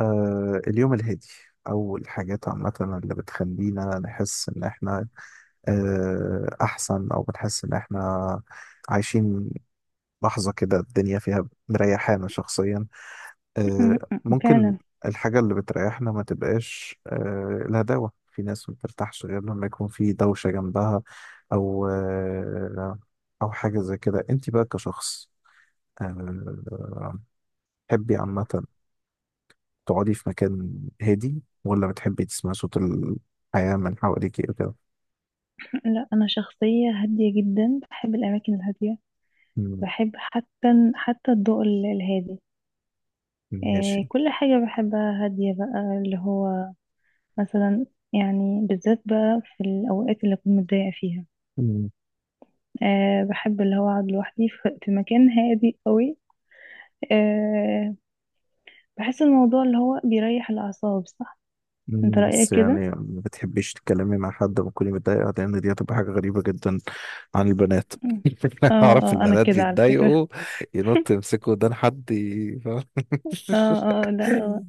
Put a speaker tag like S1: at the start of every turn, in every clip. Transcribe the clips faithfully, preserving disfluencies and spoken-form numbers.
S1: آه اليوم الهادي أو الحاجات عامة اللي بتخلينا نحس إن إحنا آه أحسن، أو بنحس إن إحنا عايشين لحظة كده الدنيا فيها مريحانا شخصيا،
S2: م-
S1: آه
S2: م-
S1: ممكن
S2: فعلا.
S1: الحاجة اللي بتريحنا ما تبقاش آه الهداوة، في ناس ما بترتاحش غير لما يكون في دوشة جنبها، أو آه أو حاجة زي كده. أنت بقى كشخص، آه، تحبي عامة تقعدي في مكان هادي، ولا بتحبي تسمعي صوت الحياة من حواليكي وكده؟
S2: لا، انا شخصيه هاديه جدا، بحب الاماكن الهاديه.
S1: مم.
S2: بحب حتى حتى الضوء ال- الهادي.
S1: ماشي.
S2: آه، كل حاجه بحبها هاديه بقى، اللي هو مثلا، يعني بالذات بقى في الاوقات اللي اكون متضايقه فيها،
S1: مم.
S2: آه بحب اللي هو اقعد لوحدي في في مكان هادي قوي. آه، بحس الموضوع اللي هو بيريح الاعصاب، صح؟ انت
S1: مم.
S2: رايك
S1: بس
S2: كده.
S1: يعني ما بتحبيش تتكلمي مع حد وتكوني متضايقة، لأن دي هتبقى حاجة غريبة جدا عن البنات.
S2: م. اه،
S1: أعرف
S2: اه انا
S1: البنات
S2: كده على فكره.
S1: بيتضايقوا، ينط يمسكوا ودان حد ي- فاهم؟
S2: اه، اه، آه، لا، آه.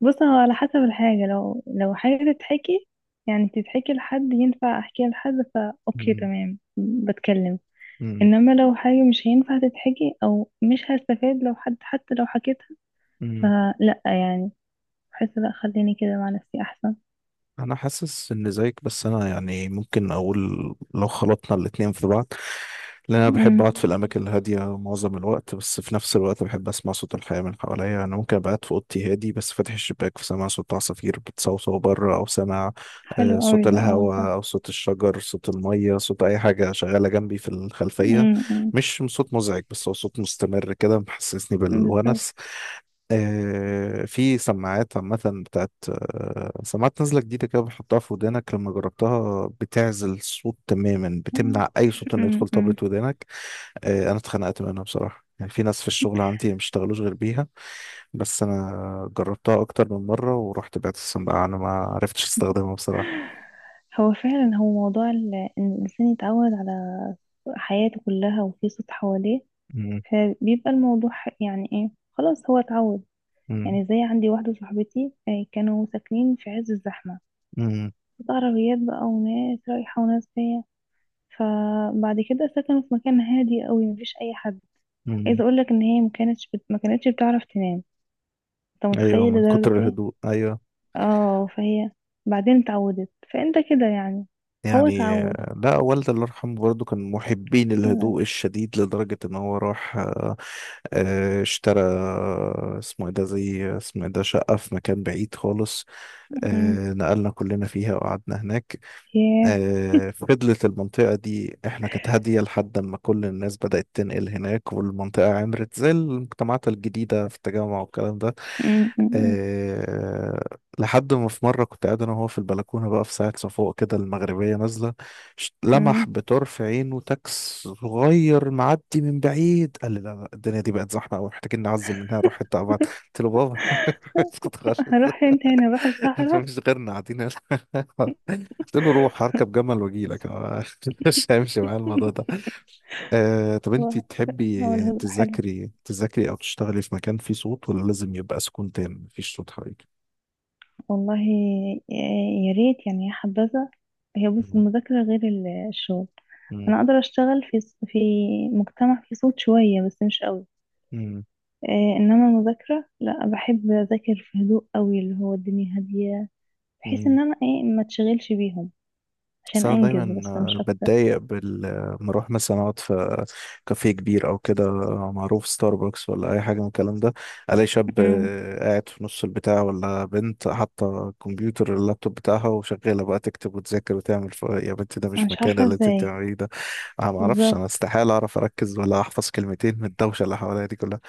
S2: بص، هو على حسب الحاجة. لو لو حاجة تتحكي، يعني تتحكي لحد، ينفع احكيها لحد، فا اوكي،
S1: مم.
S2: تمام، بتكلم.
S1: مم.
S2: انما لو حاجة مش هينفع تتحكي، او مش هستفاد لو حد حتى لو حكيتها،
S1: مم.
S2: فلا، يعني بحس لا، خليني كده مع نفسي احسن.
S1: انا حاسس ان زيك، بس انا يعني ممكن اقول لو خلطنا الاتنين في بعض، لان انا بحب
S2: امم،
S1: اقعد في الاماكن الهاديه معظم الوقت، بس في نفس الوقت بحب اسمع صوت الحياه من حواليا. انا ممكن ابقى قاعد في اوضتي هادي بس فاتح الشباك، فسامع صوت عصافير بتصوصو بره، او سامع
S2: حلو
S1: آه،
S2: قوي
S1: صوت
S2: ده، اه صح.
S1: الهواء او صوت الشجر، صوت الميه، صوت اي حاجه شغاله جنبي في الخلفيه،
S2: امم.
S1: مش صوت مزعج بس هو صوت مستمر كده محسسني
S2: بالظبط.
S1: بالونس. آه، في سماعات عامة بتاعت آه، سماعات نازلة جديدة كده، بتحطها في ودانك، لما جربتها بتعزل الصوت تماما، بتمنع أي صوت إنه يدخل طبلة
S2: امم.
S1: ودانك. آه، أنا اتخنقت منها بصراحة، يعني في ناس في الشغل عندي ما بيشتغلوش غير بيها، بس أنا جربتها أكتر من مرة ورحت بعت السماعة، أنا ما عرفتش أستخدمها بصراحة.
S2: هو فعلا، هو موضوع ال- ان الانسان يتعود على حياته كلها وفي صوت حواليه،
S1: مم.
S2: فبيبقى الموضوع ح- يعني ايه، خلاص هو اتعود.
S1: مم.
S2: يعني زي عندي واحدة صاحبتي، آه، كانوا ساكنين في عز الزحمة،
S1: مم.
S2: عربيات بقى وناس رايحة وناس جاية. فبعد كده سكنوا في مكان هادي قوي مفيش أي حد. عايزة
S1: مم.
S2: أقولك إن هي مكانتش بت... مكانتش بتعرف تنام. أنت
S1: أيوه،
S2: متخيل
S1: من
S2: لدرجة
S1: كتر
S2: إيه؟
S1: الهدوء أيوه.
S2: اه، فهي بعدين اتعودت، فأنت كده يعني هو
S1: يعني
S2: اتعود.
S1: آه، لا، والدي الله يرحمه برضه كان محبين الهدوء الشديد، لدرجة ان هو راح آه، آه، اشترى، آه، اسمه ايه ده، زي اسمه ايه ده، شقة في مكان بعيد خالص.
S2: أمم.
S1: آه، نقلنا كلنا فيها وقعدنا هناك.
S2: ياه.
S1: آه، فضلت المنطقة دي احنا كانت هادية، لحد ما كل الناس بدأت تنقل هناك والمنطقة عمرت زي المجتمعات الجديدة في التجمع والكلام ده.
S2: أمم، أمم،
S1: أه لحد ما في مرة كنت قاعد أنا وهو في البلكونة بقى، في ساعة صفوق كده المغربية نازلة، ش-
S2: أمم.
S1: لمح بطرف عينه تاكس صغير معدي من بعيد، قال لي لا لا الدنيا دي بقت زحمة أوي، محتاجين نعزل منها نروح حتة أبعد. قلت له بابا اسكت خالص،
S2: هروح؟ انت هنا، هروح الصحراء.
S1: مفيش غيرنا قاعدين هنا. قلت له روح هركب جمل وأجيلك أنا. مش هيمشي معايا الموضوع ده. أه طب أنت
S2: هو
S1: تحبي
S2: هو الهدوء حلو
S1: تذاكري تذاكري أو تشتغلي في مكان فيه صوت، ولا لازم يبقى سكون تام مفيش صوت حواليك؟
S2: والله. آه، يا ريت يعني، يا حبذا. هي بص، المذاكرة غير ال- الشغل.
S1: مم.
S2: أنا أقدر أشتغل في في مجتمع فيه صوت شوية بس مش قوي.
S1: مم.
S2: آه، إنما المذاكرة لا، بحب أذاكر في هدوء قوي، اللي هو الدنيا هادية، بحيث
S1: مم.
S2: إن أنا إيه ما تشغلش بيهم
S1: بس
S2: عشان
S1: انا
S2: أنجز
S1: دايما
S2: بس مش
S1: آه،
S2: أكتر.
S1: بتضايق بال آه، لما اروح مثلا اقعد في كافيه كبير او كده، آه، معروف ستاربكس ولا اي حاجه من الكلام ده، الاقي شاب
S2: أمم،
S1: آه، قاعد في نص البتاع، ولا بنت حاطه الكمبيوتر اللابتوب بتاعها وشغاله بقى تكتب وتذاكر وتعمل ف... يا بنتي ده
S2: أنا
S1: مش
S2: مش
S1: مكان
S2: عارفة
S1: اللي انت
S2: إزاي.
S1: بتعمليه ده. انا ما اعرفش،
S2: بالظبط،
S1: انا استحاله اعرف اركز ولا احفظ كلمتين من الدوشه اللي حواليا دي كلها،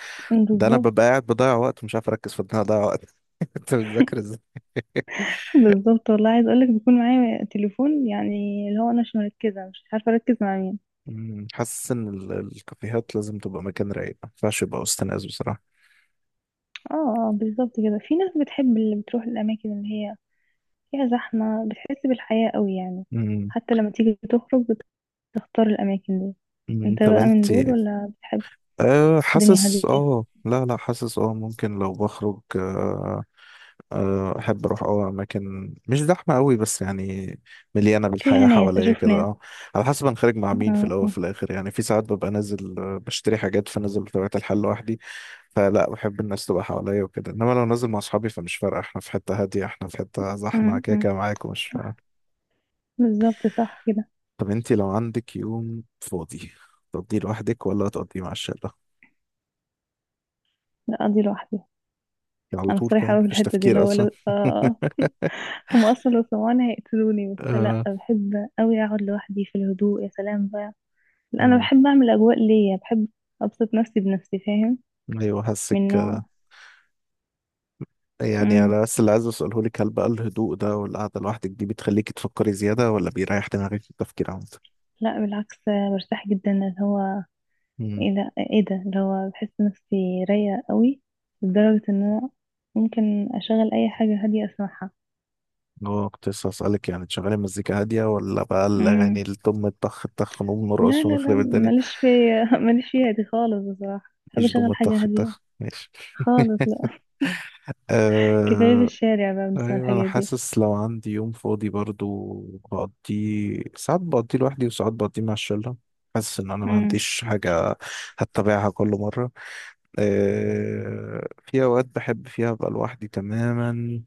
S1: ده انا
S2: بالظبط.
S1: ببقى قاعد بضيع وقت ومش عارف اركز في ان انا اضيع وقت. انت بتذاكر ازاي؟
S2: بالظبط والله، عايز أقولك بيكون معايا تليفون، يعني اللي هو أنا مش مركزة، مش عارفة أركز مع مين.
S1: مم، حاسس ان ال- الكافيهات لازم تبقى مكان رايق، ما ينفعش يبقى وسط ناس بصراحه.
S2: اه، اه بالظبط كده. في ناس بتحب، اللي بتروح الأماكن اللي هي فيها زحمة بتحس بالحياة قوي يعني.
S1: مم.
S2: حتى لما تيجي تخرج بتختار الأماكن دي.
S1: مم.
S2: انت
S1: طب
S2: بقى من
S1: انت
S2: دول ولا بتحب
S1: أه
S2: الدنيا
S1: حاسس،
S2: هادية،
S1: اه لا لا حاسس، اه ممكن لو بخرج أه آه، احب اروح اه اماكن مش زحمه قوي، بس يعني مليانه
S2: فيها
S1: بالحياه
S2: ناس،
S1: حواليا
S2: أشوف
S1: كده.
S2: ناس؟
S1: اه على حسب انا خارج مع مين في
S2: اه،
S1: الاول
S2: اه،
S1: في الاخر، يعني في ساعات ببقى نازل آه، بشتري حاجات، فنازل بطبيعه الحال لوحدي، فلا بحب الناس تبقى حواليا وكده، انما لو نازل مع اصحابي فمش فارقه احنا في حته هاديه احنا في حته
S2: اه،
S1: زحمه، كده
S2: اه، آه.
S1: كده معاكم.
S2: صح، بالظبط صح كده.
S1: طب انت لو عندك يوم فاضي تقضيه لوحدك ولا تقضيه مع الشلة؟
S2: لا، أقضي لوحدي.
S1: يعني على
S2: أنا
S1: طول كده
S2: صريحة أوي في
S1: مفيش
S2: الحتة دي. اللي
S1: تفكير
S2: هو
S1: اصلا.
S2: لو، آه، آه. هم أصلا لو سمعوني هيقتلوني، بس لأ،
S1: آه.
S2: بحب أوي أقعد لوحدي في الهدوء، يا سلام بقى. لأ، أنا
S1: مم.
S2: بحب أعمل أجواء ليا، بحب أبسط نفسي بنفسي، فاهم؟
S1: ايوه حاسك.
S2: من نوع.
S1: يعني
S2: مم.
S1: انا بس اللي عايز اساله لك، هل بقى الهدوء ده والقعده لوحدك دي بتخليكي تفكري زياده، ولا بيريح دماغك في التفكير عامه؟
S2: لا بالعكس، برتاح جدا اللي هو،
S1: امم.
S2: ايه ده ايه ده، اللي هو بحس نفسي رايقة قوي، لدرجة ان انا ممكن اشغل اي حاجة هادية اسمعها.
S1: هو كنت لسه هسألك، يعني تشغلي مزيكا هادية ولا بقى
S2: امم.
S1: الأغاني الدم الطخ الطخ نقوم
S2: لا
S1: نرقص
S2: لا لا،
S1: ونخرب الدنيا؟
S2: ماليش في، ماليش فيها دي خالص بصراحة، بحب
S1: مفيش دم
S2: اشغل حاجة
S1: الطخ
S2: هادية.
S1: الطخ ماشي.
S2: خالص لا. كفاية في
S1: أه
S2: الشارع بقى بنسمع
S1: ايوه، انا
S2: الحاجات دي.
S1: حاسس لو عندي يوم فاضي برضو، بقضيه ساعات بقضيه لوحدي وساعات بقضيه مع الشله، حاسس ان انا ما
S2: امم،
S1: عنديش حاجه هتبعها كل مره. أه في اوقات بحب فيها ابقى لوحدي تماما،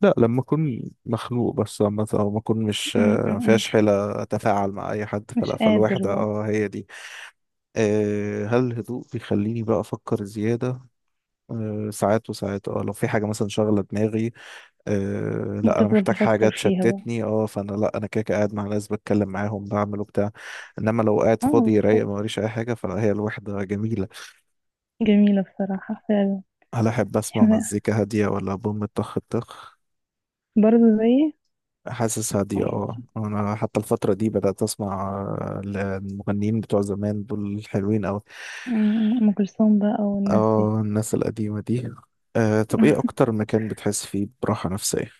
S1: لا لما اكون مخنوق، بس لما او ما اكون مش
S2: امم،
S1: آه، ما
S2: امم،
S1: فيهاش حيله اتفاعل مع اي حد، فلا،
S2: مش قادر
S1: فالوحده
S2: بقى.
S1: اه هي دي. أه هل الهدوء بيخليني بقى افكر زياده؟ أه ساعات وساعات، اه لو في حاجه مثلا شاغله دماغي، أه لا انا
S2: بتفضل
S1: محتاج حاجه
S2: تفكر فيها بقى.
S1: تشتتني، اه فانا لا، انا كده كده قاعد مع ناس بتكلم معاهم بعمل وبتاع، انما لو قاعد
S2: اه
S1: فاضي رايق ما
S2: بالظبط،
S1: وريش اي حاجه فهي الوحده جميله.
S2: جميلة بصراحة فعلا.
S1: هل احب اسمع
S2: احنا
S1: مزيكا هاديه ولا بوم طخ طخ؟
S2: برضه زي.
S1: حاسس هاديه، اه انا حتى الفتره دي بدات اسمع آه، المغنيين بتوع زمان دول حلوين قوي،
S2: أمم، أم كلثوم بقى والناس دي.
S1: اه الناس القديمه دي. أه طب ايه اكتر مكان بتحس فيه براحه نفسيه؟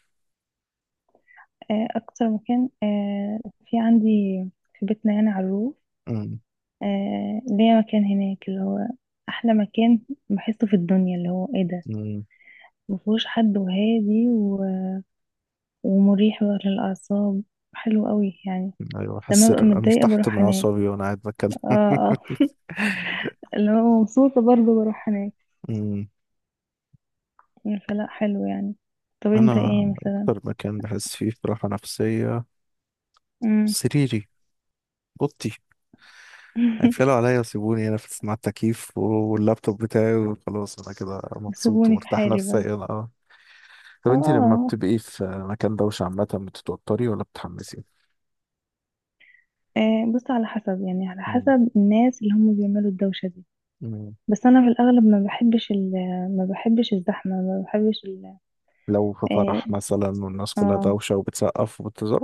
S2: آه، أكتر مكان، آه، في عندي في بيتنا، يعني على الروف، آه، ليا مكان هناك اللي هو أحلى مكان بحسه في الدنيا اللي هو إيه ده،
S1: مم.
S2: مفهوش حد وهادي و- ومريح بقى للأعصاب، حلو قوي يعني.
S1: ايوه،
S2: لما
S1: حاسس إن
S2: ببقى
S1: انا
S2: متضايقة
S1: ارتحت من
S2: بروح هناك،
S1: اعصابي وانا قاعد
S2: اه
S1: بتكلم.
S2: اه. لما ببقى مبسوطة برضه بروح هناك.
S1: أمم.
S2: فلا، حلو يعني. طب انت ايه
S1: انا
S2: مثلا؟
S1: اكتر مكان بحس فيه براحه نفسيه
S2: مم.
S1: سريري، اوضتي، هيتقلوا عليا وسيبوني هنا في مع التكييف واللابتوب بتاعي وخلاص انا كده مبسوط
S2: سيبوني في
S1: ومرتاح
S2: حالي بقى.
S1: نفسيا. اه طب
S2: اه،
S1: انت لما
S2: آه.
S1: بتبقي في مكان دوشه عامه بتتوتري ولا بتتحمسي؟
S2: آه، بص على حسب، يعني على حسب الناس اللي هم بيعملوا الدوشة دي.
S1: أمم.
S2: بس انا في الاغلب ما بحبش ال ما بحبش الزحمه، ما بحبش ال
S1: لو في
S2: اه،
S1: فرح مثلا والناس كلها
S2: آه.
S1: دوشة وبتسقف وبتزار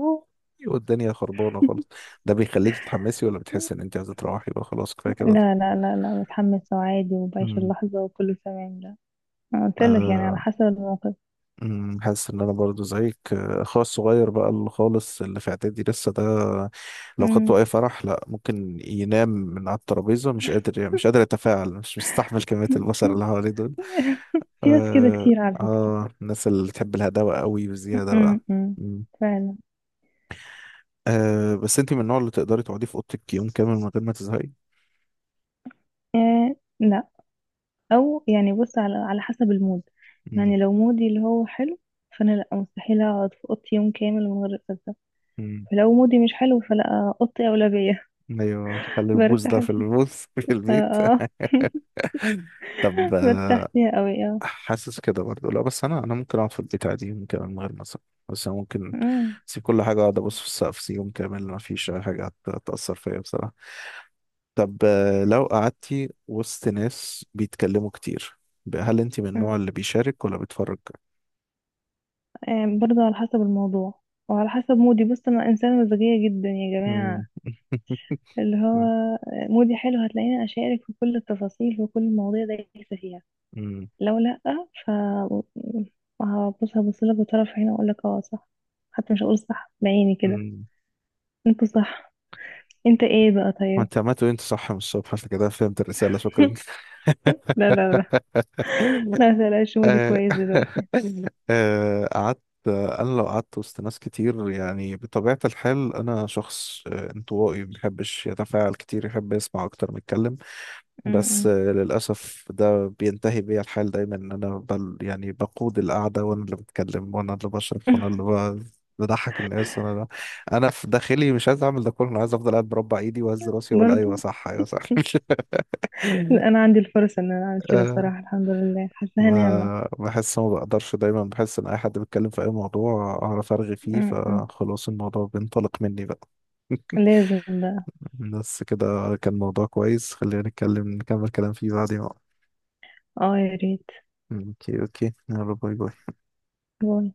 S1: والدنيا خربانة خالص، ده بيخليك تتحمسي، ولا بتحس ان انت عايزة تروحي بقى خلاص كفاية كده؟
S2: لا لا لا لا، بتحمس وعادي وبعيش
S1: امم.
S2: اللحظه وكله تمام، لا. أنا قلت لك يعني على
S1: آه.
S2: حسب الموقف.
S1: امم. حاسس ان انا برضو زيك، آه، اخويا الصغير بقى اللي خالص اللي في اعدادي لسه ده، لو
S2: أمم.
S1: خدته اي فرح لا، ممكن ينام من على الترابيزه، مش قادر مش قادر يتفاعل، مش مستحمل كميه البشر اللي حواليه دول.
S2: في ناس كده
S1: اه،
S2: كتير على فكره.
S1: اه، الناس اللي بتحب الهداوه قوي بزياده
S2: أمم،
S1: بقى.
S2: أمم. فعلا.
S1: أه بس انت من النوع اللي تقدري تقعدي في اوضتك يوم كامل من غير ما تزهقي؟
S2: آه لا، او يعني بص على على حسب المود.
S1: مم.
S2: يعني لو مودي اللي هو حلو، فانا لا، مستحيل اقعد في اوضتي يوم كامل من غير اتغدى.
S1: مم.
S2: فلو مودي مش حلو، فلا اوضتي اولويه.
S1: ايوه، خلي البوز
S2: برتاح
S1: ده في
S2: فيها،
S1: البوز في
S2: اه
S1: البيت.
S2: اه.
S1: طب آه،
S2: برتاح فيها قوي اه.
S1: حاسس كده برضه لا، بس انا انا ممكن اقعد في البيت عادي يوم كامل من غير ما أزهق. بس انا ممكن
S2: أمم،
S1: اسيب كل حاجه، اقعد ابص في السقف يوم كامل، ما فيش اي حاجه هت- هتاثر فيا بصراحه. طب آه، لو قعدتي وسط ناس بيتكلموا كتير بقى، هل انت من النوع
S2: أمم.
S1: اللي بيشارك ولا بيتفرج؟
S2: آه، برضه على حسب الموضوع وعلى حسب مودي. بص انا انسانه مزاجيه جدا يا جماعه.
S1: مم.
S2: اللي هو مودي حلو هتلاقيني اشارك في كل التفاصيل وكل المواضيع دايسه فيها.
S1: مم.
S2: لو لا، ف، هبص هبص لك بطرف عيني واقول لك اه صح. حتى مش هقول صح بعيني كده،
S1: مم.
S2: انت صح. انت ايه بقى
S1: ما
S2: طيب؟
S1: انت عملت انت صح من الصبح، عشان كده فهمت الرسالة شكرا.
S2: لا لا لا لا، متقلقش، مودي
S1: آه،
S2: كويس دلوقتي.
S1: آه، قعدت، انا لو قعدت وسط ناس كتير، يعني بطبيعة الحال انا شخص آه، انطوائي ما بيحبش يتفاعل كتير، يحب يسمع اكتر ما يتكلم. بس
S2: أمم.
S1: آه، للاسف ده بينتهي بيا الحال دايما، ان انا بل يعني بقود القعدة، وانا اللي بتكلم وانا اللي بشرح وانا اللي ب- بضحك الناس. انا انا في داخلي مش عايز اعمل ده كله، انا عايز افضل قاعد مربع ايدي واهز راسي واقول ايوه
S2: برضو
S1: صح ايوه صح.
S2: لا، انا عندي الفرصة ان انا اعمل كده بصراحة، الحمد لله حاساها نعمة.
S1: ما بحس، ما بقدرش، دايما بحس ان اي حد بيتكلم في اي موضوع اعرف ارغي فيه،
S2: م- م.
S1: فخلاص الموضوع بينطلق مني بقى.
S2: لازم بقى.
S1: بس كده، كان موضوع كويس، خلينا نتكلم نكمل كلام فيه بعدين بقى.
S2: اه يا ريت.
S1: اوكي اوكي، يلا باي باي.
S2: باي.